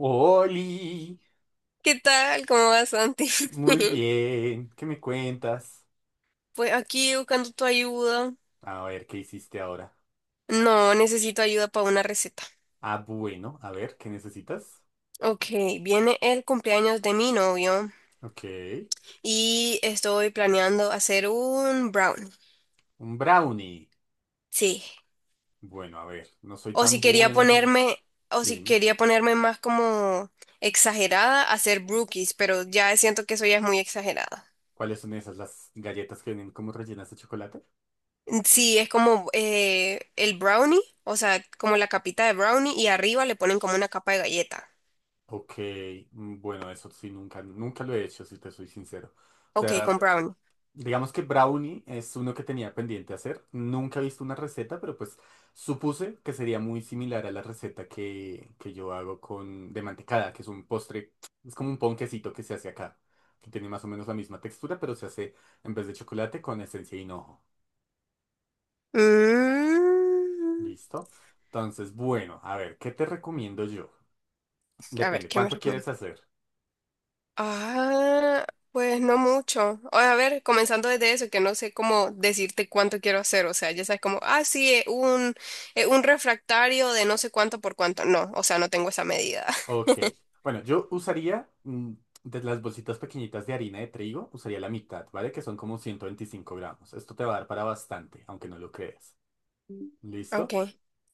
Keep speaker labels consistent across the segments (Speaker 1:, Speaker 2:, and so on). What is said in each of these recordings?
Speaker 1: Oli,
Speaker 2: ¿Qué tal? ¿Cómo vas, Santi?
Speaker 1: muy bien, ¿qué me cuentas?
Speaker 2: Pues aquí buscando tu ayuda.
Speaker 1: A ver, ¿qué hiciste ahora?
Speaker 2: No, necesito ayuda para una receta.
Speaker 1: Ah, bueno, a ver, ¿qué necesitas?
Speaker 2: Ok, viene el cumpleaños de mi novio
Speaker 1: Ok,
Speaker 2: y estoy planeando hacer un brownie.
Speaker 1: un brownie.
Speaker 2: Sí.
Speaker 1: Bueno, a ver, no soy
Speaker 2: O si
Speaker 1: tan
Speaker 2: quería
Speaker 1: bueno haciendo...
Speaker 2: ponerme, o
Speaker 1: Sí,
Speaker 2: si
Speaker 1: dime,
Speaker 2: quería ponerme más como exagerada, hacer brookies, pero ya siento que eso ya es muy exagerada.
Speaker 1: ¿cuáles son esas, las galletas que vienen como rellenas de chocolate?
Speaker 2: Sí, es como el brownie, o sea, como la capita de brownie y arriba le ponen como una capa de galleta.
Speaker 1: Ok, bueno, eso sí, nunca lo he hecho, si te soy sincero. O
Speaker 2: Ok,
Speaker 1: sea,
Speaker 2: con brownie.
Speaker 1: digamos que brownie es uno que tenía pendiente hacer. Nunca he visto una receta, pero pues supuse que sería muy similar a la receta que yo hago con de mantecada, que es un postre, es como un ponquecito que se hace acá, que tiene más o menos la misma textura, pero se hace en vez de chocolate con esencia de hinojo.
Speaker 2: Mm,
Speaker 1: ¿Listo? Entonces, bueno, a ver, ¿qué te recomiendo yo?
Speaker 2: a ver,
Speaker 1: Depende,
Speaker 2: ¿qué me
Speaker 1: ¿cuánto quieres
Speaker 2: recomienda?
Speaker 1: hacer?
Speaker 2: Ah, pues no mucho. O, a ver, comenzando desde eso, que no sé cómo decirte cuánto quiero hacer. O sea, ya sabes como, ah, sí, un refractario de no sé cuánto por cuánto. No, o sea, no tengo esa medida.
Speaker 1: Ok. Bueno, yo usaría de las bolsitas pequeñitas de harina de trigo, usaría la mitad, ¿vale? Que son como 125 gramos. Esto te va a dar para bastante, aunque no lo creas.
Speaker 2: Ok,
Speaker 1: ¿Listo?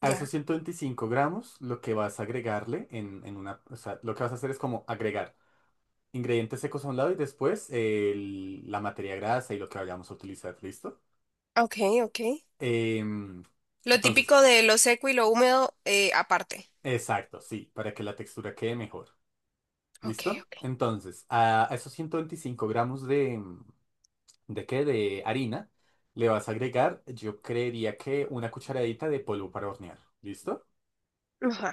Speaker 1: A esos
Speaker 2: ya.
Speaker 1: 125 gramos, lo que vas a agregarle en una... O sea, lo que vas a hacer es como agregar ingredientes secos a un lado y después la materia grasa y lo que vayamos a utilizar, ¿listo?
Speaker 2: Ok, ok.
Speaker 1: Em,
Speaker 2: Lo
Speaker 1: entonces,
Speaker 2: típico de lo seco y lo húmedo, aparte.
Speaker 1: exacto, sí, para que la textura quede mejor.
Speaker 2: Ok,
Speaker 1: ¿Listo?
Speaker 2: ok.
Speaker 1: Entonces, a esos 125 gramos de, ¿de qué? De harina. Le vas a agregar, yo creería que una cucharadita de polvo para hornear. ¿Listo?
Speaker 2: Ajá.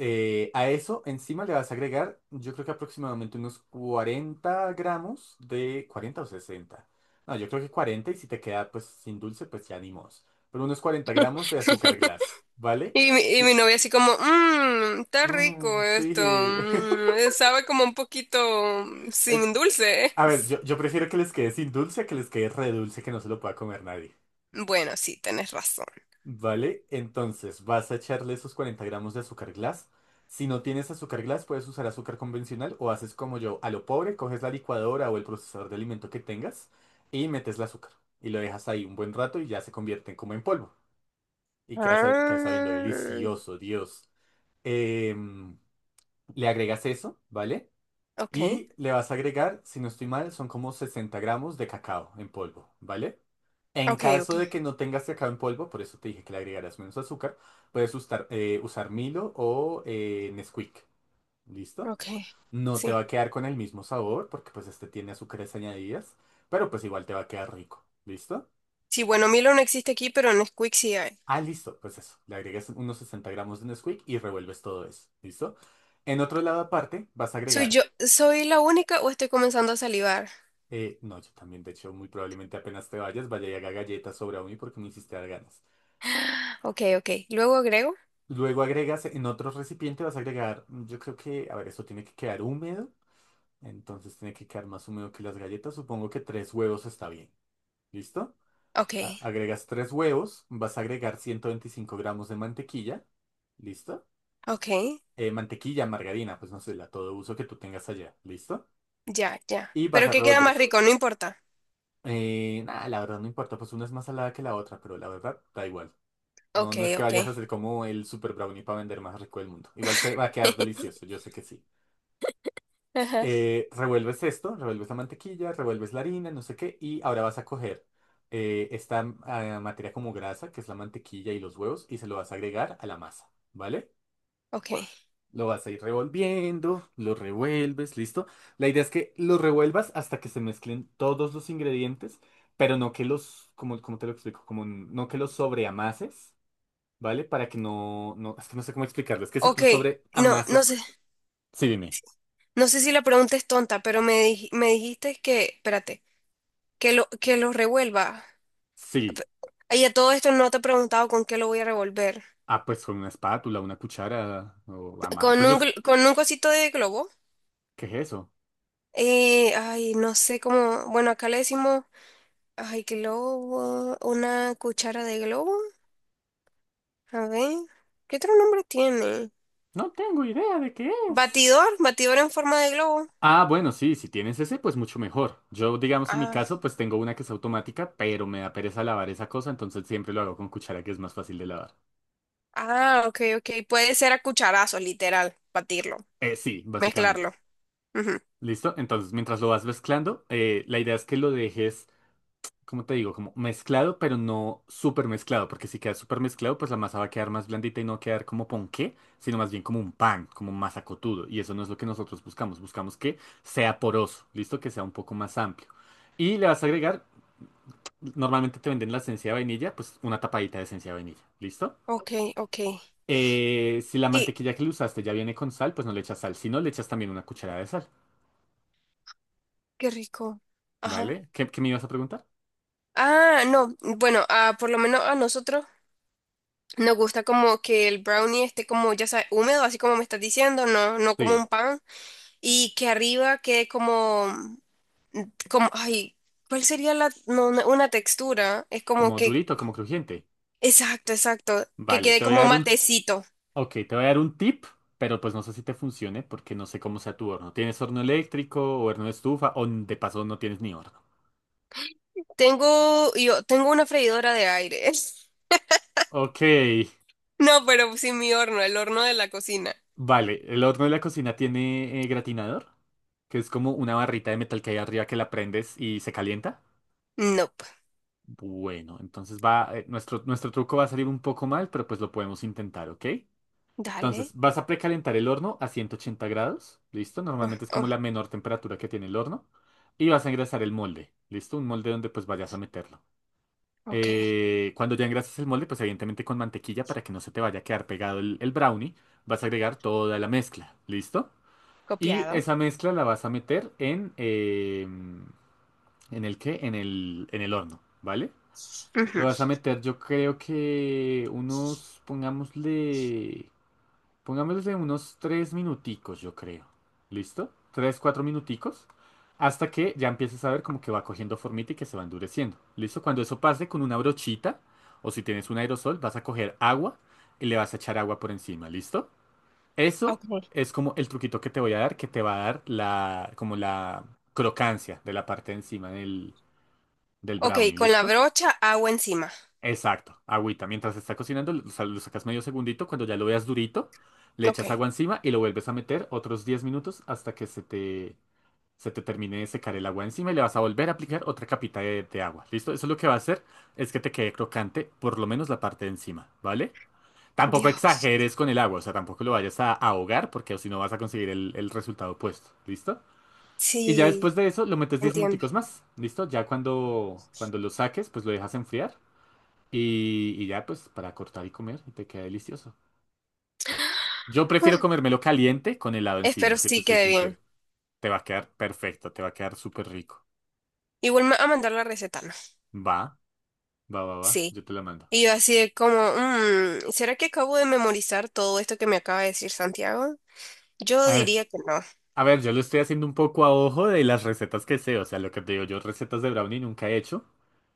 Speaker 1: A eso encima le vas a agregar, yo creo que aproximadamente unos 40 gramos de 40 o sesenta. No, yo creo que 40 y si te queda pues sin dulce, pues ya ni modos. Pero unos 40 gramos de azúcar glass, ¿vale?
Speaker 2: Y, y
Speaker 1: Y-
Speaker 2: mi novia así como, mmm, está
Speaker 1: Mm,
Speaker 2: rico
Speaker 1: sí.
Speaker 2: esto, mm, sabe como un poquito
Speaker 1: Es-
Speaker 2: sin dulce.
Speaker 1: a ver, yo prefiero que les quede sin dulce a que les quede re dulce que no se lo pueda comer nadie.
Speaker 2: Bueno, sí, tenés razón.
Speaker 1: Vale, entonces vas a echarle esos 40 gramos de azúcar glass. Si no tienes azúcar glass, puedes usar azúcar convencional o haces como yo, a lo pobre, coges la licuadora o el procesador de alimento que tengas y metes el azúcar. Y lo dejas ahí un buen rato y ya se convierten como en polvo. Y queda, queda sabiendo
Speaker 2: Ah,
Speaker 1: delicioso, Dios. Em, le agregas eso, ¿vale?
Speaker 2: ok,
Speaker 1: Y le vas a agregar, si no estoy mal, son como 60 gramos de cacao en polvo, ¿vale? En
Speaker 2: ok, ok,
Speaker 1: caso de que no tengas cacao en polvo, por eso te dije que le agregarás menos azúcar, puedes usar, usar Milo o Nesquik. ¿Listo?
Speaker 2: ok,
Speaker 1: No te va
Speaker 2: sí.
Speaker 1: a quedar con el mismo sabor porque pues este tiene azúcares añadidas, pero pues igual te va a quedar rico. ¿Listo?
Speaker 2: Sí, bueno, Milo no existe aquí, pero Nesquik sí hay.
Speaker 1: Ah, listo. Pues eso. Le agregas unos 60 gramos de Nesquik y revuelves todo eso. ¿Listo? En otro lado aparte vas a
Speaker 2: ¿Soy
Speaker 1: agregar...
Speaker 2: yo, soy la única o estoy comenzando a salivar?
Speaker 1: no, yo también, de hecho, muy probablemente apenas te vayas, vaya y haga galletas o brownie porque me hiciste dar ganas.
Speaker 2: Ok, ok, luego agrego.
Speaker 1: Luego agregas en otro recipiente, vas a agregar, yo creo que, a ver, esto tiene que quedar húmedo, entonces tiene que quedar más húmedo que las galletas, supongo que tres huevos está bien, ¿listo?
Speaker 2: Ok,
Speaker 1: Agregas tres huevos, vas a agregar 125 gramos de mantequilla, ¿listo?
Speaker 2: ok,
Speaker 1: Mantequilla, margarina, pues no sé, la todo uso que tú tengas allá, ¿listo?
Speaker 2: ya, ya.
Speaker 1: Y vas
Speaker 2: ¿Pero
Speaker 1: a
Speaker 2: qué queda
Speaker 1: revolver
Speaker 2: más
Speaker 1: eso.
Speaker 2: rico? No importa.
Speaker 1: Nada, la verdad no importa, pues una es más salada que la otra, pero la verdad da igual. No,
Speaker 2: Ok,
Speaker 1: no es que
Speaker 2: ok.
Speaker 1: vayas a hacer como el super brownie para vender más rico del mundo. Igual te va a quedar delicioso, yo sé que sí.
Speaker 2: Ajá,
Speaker 1: Revuelves esto, revuelves la mantequilla, revuelves la harina, no sé qué, y ahora vas a coger esta materia como grasa, que es la mantequilla y los huevos, y se lo vas a agregar a la masa, ¿vale?
Speaker 2: ok.
Speaker 1: Lo vas a ir revolviendo, lo revuelves, listo. La idea es que lo revuelvas hasta que se mezclen todos los ingredientes, pero no que los, como, como te lo explico, como no que los sobreamases, ¿vale? Para que no, es que no sé cómo explicarlo, es que si
Speaker 2: Ok,
Speaker 1: tú
Speaker 2: no, no sé,
Speaker 1: sobreamasas, sí, dime,
Speaker 2: no sé si la pregunta es tonta, pero me dijiste que, espérate, que lo revuelva.
Speaker 1: sí.
Speaker 2: Pe- Y a todo esto no te he preguntado con qué lo voy a revolver.
Speaker 1: Ah, pues con una espátula, una cuchara o a mano.
Speaker 2: Con
Speaker 1: Pues
Speaker 2: un,
Speaker 1: yo...
Speaker 2: con un cosito de globo.
Speaker 1: ¿Qué es eso?
Speaker 2: Ay, no sé cómo, bueno, acá le decimos, ay, globo, una cuchara de globo. A ver, ¿qué otro nombre tiene?
Speaker 1: No tengo idea de qué es.
Speaker 2: Batidor, batidor en forma de globo.
Speaker 1: Ah, bueno, sí, si tienes ese, pues mucho mejor. Yo, digamos, en mi
Speaker 2: Ah,
Speaker 1: caso, pues tengo una que es automática, pero me da pereza lavar esa cosa, entonces siempre lo hago con cuchara, que es más fácil de lavar.
Speaker 2: ah, ok, ok, puede ser a cucharazos, literal, batirlo,
Speaker 1: Sí, básicamente.
Speaker 2: mezclarlo. Ujú.
Speaker 1: ¿Listo? Entonces, mientras lo vas mezclando, la idea es que lo dejes como te digo, como mezclado, pero no súper mezclado, porque si queda súper mezclado, pues la masa va a quedar más blandita y no va a quedar como ponqué, sino más bien como un pan, como masa cotudo. Y eso no es lo que nosotros buscamos, buscamos que sea poroso, listo, que sea un poco más amplio. Y le vas a agregar, normalmente te venden la esencia de vainilla, pues una tapadita de esencia de vainilla, ¿listo?
Speaker 2: Ok, ok.
Speaker 1: Si la
Speaker 2: Y
Speaker 1: mantequilla que le usaste ya viene con sal, pues no le echas sal, si no le echas también una cucharada de sal,
Speaker 2: qué rico. Ajá.
Speaker 1: ¿vale? ¿Qué, qué me ibas a preguntar?
Speaker 2: Ah, no. Bueno, ah, por lo menos a nosotros nos gusta como que el brownie esté como, ya sabes, húmedo, así como me estás diciendo, no, no como
Speaker 1: Sí,
Speaker 2: un pan. Y que arriba quede como, como, ay, ¿cuál sería la, no, no, una textura? Es como
Speaker 1: como
Speaker 2: que,
Speaker 1: durito, como crujiente.
Speaker 2: exacto, exacto, que
Speaker 1: Vale,
Speaker 2: quede
Speaker 1: te voy a
Speaker 2: como
Speaker 1: dar un.
Speaker 2: matecito.
Speaker 1: Ok, te voy a dar un tip, pero pues no sé si te funcione porque no sé cómo sea tu horno. ¿Tienes horno eléctrico o horno de estufa o de paso no tienes ni horno?
Speaker 2: Yo tengo una freidora de aire.
Speaker 1: Ok,
Speaker 2: No, pero sí mi horno, el horno de la cocina.
Speaker 1: vale. El horno de la cocina tiene gratinador, que es como una barrita de metal que hay arriba que la prendes y se calienta.
Speaker 2: Nope.
Speaker 1: Bueno, entonces va, nuestro truco va a salir un poco mal, pero pues lo podemos intentar, ¿ok?
Speaker 2: Dale.
Speaker 1: Entonces, vas a precalentar el horno a 180 grados, ¿listo?
Speaker 2: Oh,
Speaker 1: Normalmente es como
Speaker 2: oh,
Speaker 1: la menor temperatura que tiene el horno. Y vas a engrasar el molde, ¿listo? Un molde donde pues vayas a meterlo.
Speaker 2: ok.
Speaker 1: Cuando ya engrases el molde, pues evidentemente con mantequilla para que no se te vaya a quedar pegado el brownie, vas a agregar toda la mezcla, ¿listo? Y
Speaker 2: Copiado.
Speaker 1: esa mezcla la vas a meter ¿en el qué? En el horno, ¿vale? Lo
Speaker 2: Ujú.
Speaker 1: vas a meter yo creo que unos, pongámosle... Pongámosles en unos tres minuticos, yo creo. ¿Listo? Tres, cuatro minuticos. Hasta que ya empieces a ver como que va cogiendo formita y que se va endureciendo. ¿Listo? Cuando eso pase con una brochita, o si tienes un aerosol, vas a coger agua y le vas a echar agua por encima. ¿Listo? Eso
Speaker 2: Ok.
Speaker 1: es como el truquito que te voy a dar, que te va a dar la, como la crocancia de la parte de encima del
Speaker 2: Ok,
Speaker 1: brownie.
Speaker 2: con la
Speaker 1: ¿Listo?
Speaker 2: brocha, agua encima.
Speaker 1: Exacto, agüita. Mientras se está cocinando, lo sacas medio segundito. Cuando ya lo veas durito, le
Speaker 2: Ok.
Speaker 1: echas agua encima y lo vuelves a meter otros 10 minutos hasta que se te termine de secar el agua encima y le vas a volver a aplicar otra capita de agua. ¿Listo? Eso lo que va a hacer es que te quede crocante, por lo menos la parte de encima, ¿vale? Tampoco
Speaker 2: Dios.
Speaker 1: exageres con el agua, o sea, tampoco lo vayas a ahogar porque o si no vas a conseguir el resultado opuesto. ¿Listo? Y ya
Speaker 2: Sí,
Speaker 1: después de eso lo metes 10
Speaker 2: entiendo.
Speaker 1: minuticos más. ¿Listo? Ya cuando, cuando lo saques, pues lo dejas enfriar. Y ya, pues, para cortar y comer, y te queda delicioso. Yo prefiero comérmelo caliente con helado
Speaker 2: Ah,
Speaker 1: encima,
Speaker 2: espero
Speaker 1: si te
Speaker 2: sí
Speaker 1: soy
Speaker 2: quede
Speaker 1: sincero.
Speaker 2: bien.
Speaker 1: Te va a quedar perfecto, te va a quedar súper rico.
Speaker 2: Igual me va a mandar la receta, ¿no?
Speaker 1: Va, va, va,
Speaker 2: Sí.
Speaker 1: yo te la mando.
Speaker 2: Y yo así de como, mm, ¿será que acabo de memorizar todo esto que me acaba de decir Santiago? Yo
Speaker 1: A ver,
Speaker 2: diría que no.
Speaker 1: A ver, yo lo estoy haciendo un poco a ojo de las recetas que sé, o sea, lo que te digo, yo recetas de brownie nunca he hecho,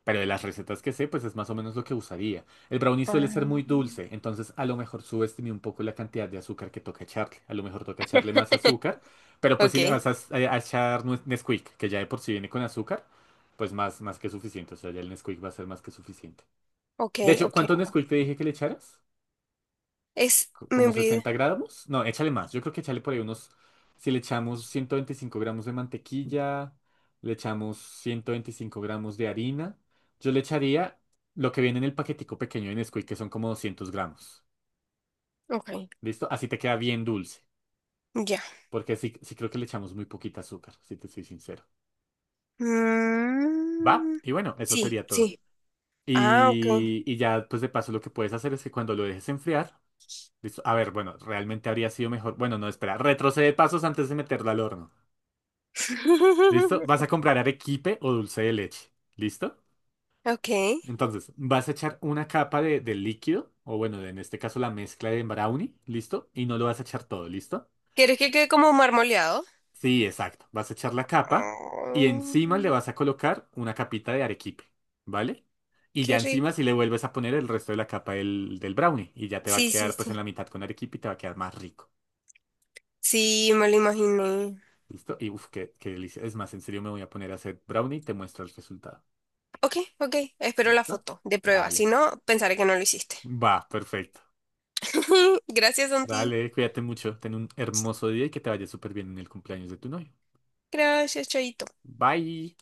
Speaker 1: pero de las recetas que sé, pues es más o menos lo que usaría. El brownie suele ser muy
Speaker 2: Ah.
Speaker 1: dulce, entonces a lo mejor subestimé un poco la cantidad de azúcar que toca echarle, a lo mejor toca echarle más azúcar, pero pues si
Speaker 2: Ok,
Speaker 1: le vas a echar Nesquik, que ya de por sí viene con azúcar, pues más que suficiente, o sea, ya el Nesquik va a ser más que suficiente.
Speaker 2: ok,
Speaker 1: De hecho,
Speaker 2: ok.
Speaker 1: ¿cuánto Nesquik te dije que le echaras?
Speaker 2: Es, me
Speaker 1: Como
Speaker 2: olvidé.
Speaker 1: 60 gramos. No, échale más. Yo creo que échale por ahí unos. Si le echamos 125 gramos de mantequilla, le echamos 125 gramos de harina. Yo le echaría lo que viene en el paquetico pequeño de Nesquik, que son como 200 gramos.
Speaker 2: Ok,
Speaker 1: ¿Listo? Así te queda bien dulce.
Speaker 2: ya.
Speaker 1: Porque sí, sí creo que le echamos muy poquita azúcar, si te soy sincero. ¿Va?
Speaker 2: Mm,
Speaker 1: Y bueno, eso
Speaker 2: sí,
Speaker 1: sería todo.
Speaker 2: sí. Ah, ok.
Speaker 1: Y ya, pues de paso, lo que puedes hacer es que cuando lo dejes enfriar, ¿listo? A ver, bueno, realmente habría sido mejor. Bueno, no, espera, retrocede pasos antes de meterlo al horno. ¿Listo? Vas a comprar arequipe o dulce de leche. ¿Listo?
Speaker 2: Ok.
Speaker 1: Entonces, vas a echar una capa de líquido, o bueno, en este caso la mezcla de brownie, ¿listo? Y no lo vas a echar todo, ¿listo?
Speaker 2: ¿Quieres que quede como marmoleado?
Speaker 1: Sí, exacto. Vas a echar la capa y
Speaker 2: Ay,
Speaker 1: encima le vas a colocar una capita de arequipe, ¿vale? Y ya
Speaker 2: qué
Speaker 1: encima
Speaker 2: rico.
Speaker 1: si le vuelves a poner el resto de la capa del brownie y ya te va a
Speaker 2: Sí, sí,
Speaker 1: quedar pues en
Speaker 2: sí.
Speaker 1: la mitad con arequipe y te va a quedar más rico,
Speaker 2: Sí, me lo imaginé.
Speaker 1: ¿listo? Y uff, qué, qué delicia. Es más, en serio me voy a poner a hacer brownie y te muestro el resultado,
Speaker 2: Ok, ok. Espero la
Speaker 1: ¿listo?
Speaker 2: foto de prueba. Si
Speaker 1: Dale.
Speaker 2: no, pensaré que no lo hiciste.
Speaker 1: Va, perfecto.
Speaker 2: Gracias, Santi.
Speaker 1: Vale, cuídate mucho, ten un hermoso día y que te vaya súper bien en el cumpleaños de tu novio.
Speaker 2: Gracias, Chaito.
Speaker 1: Bye.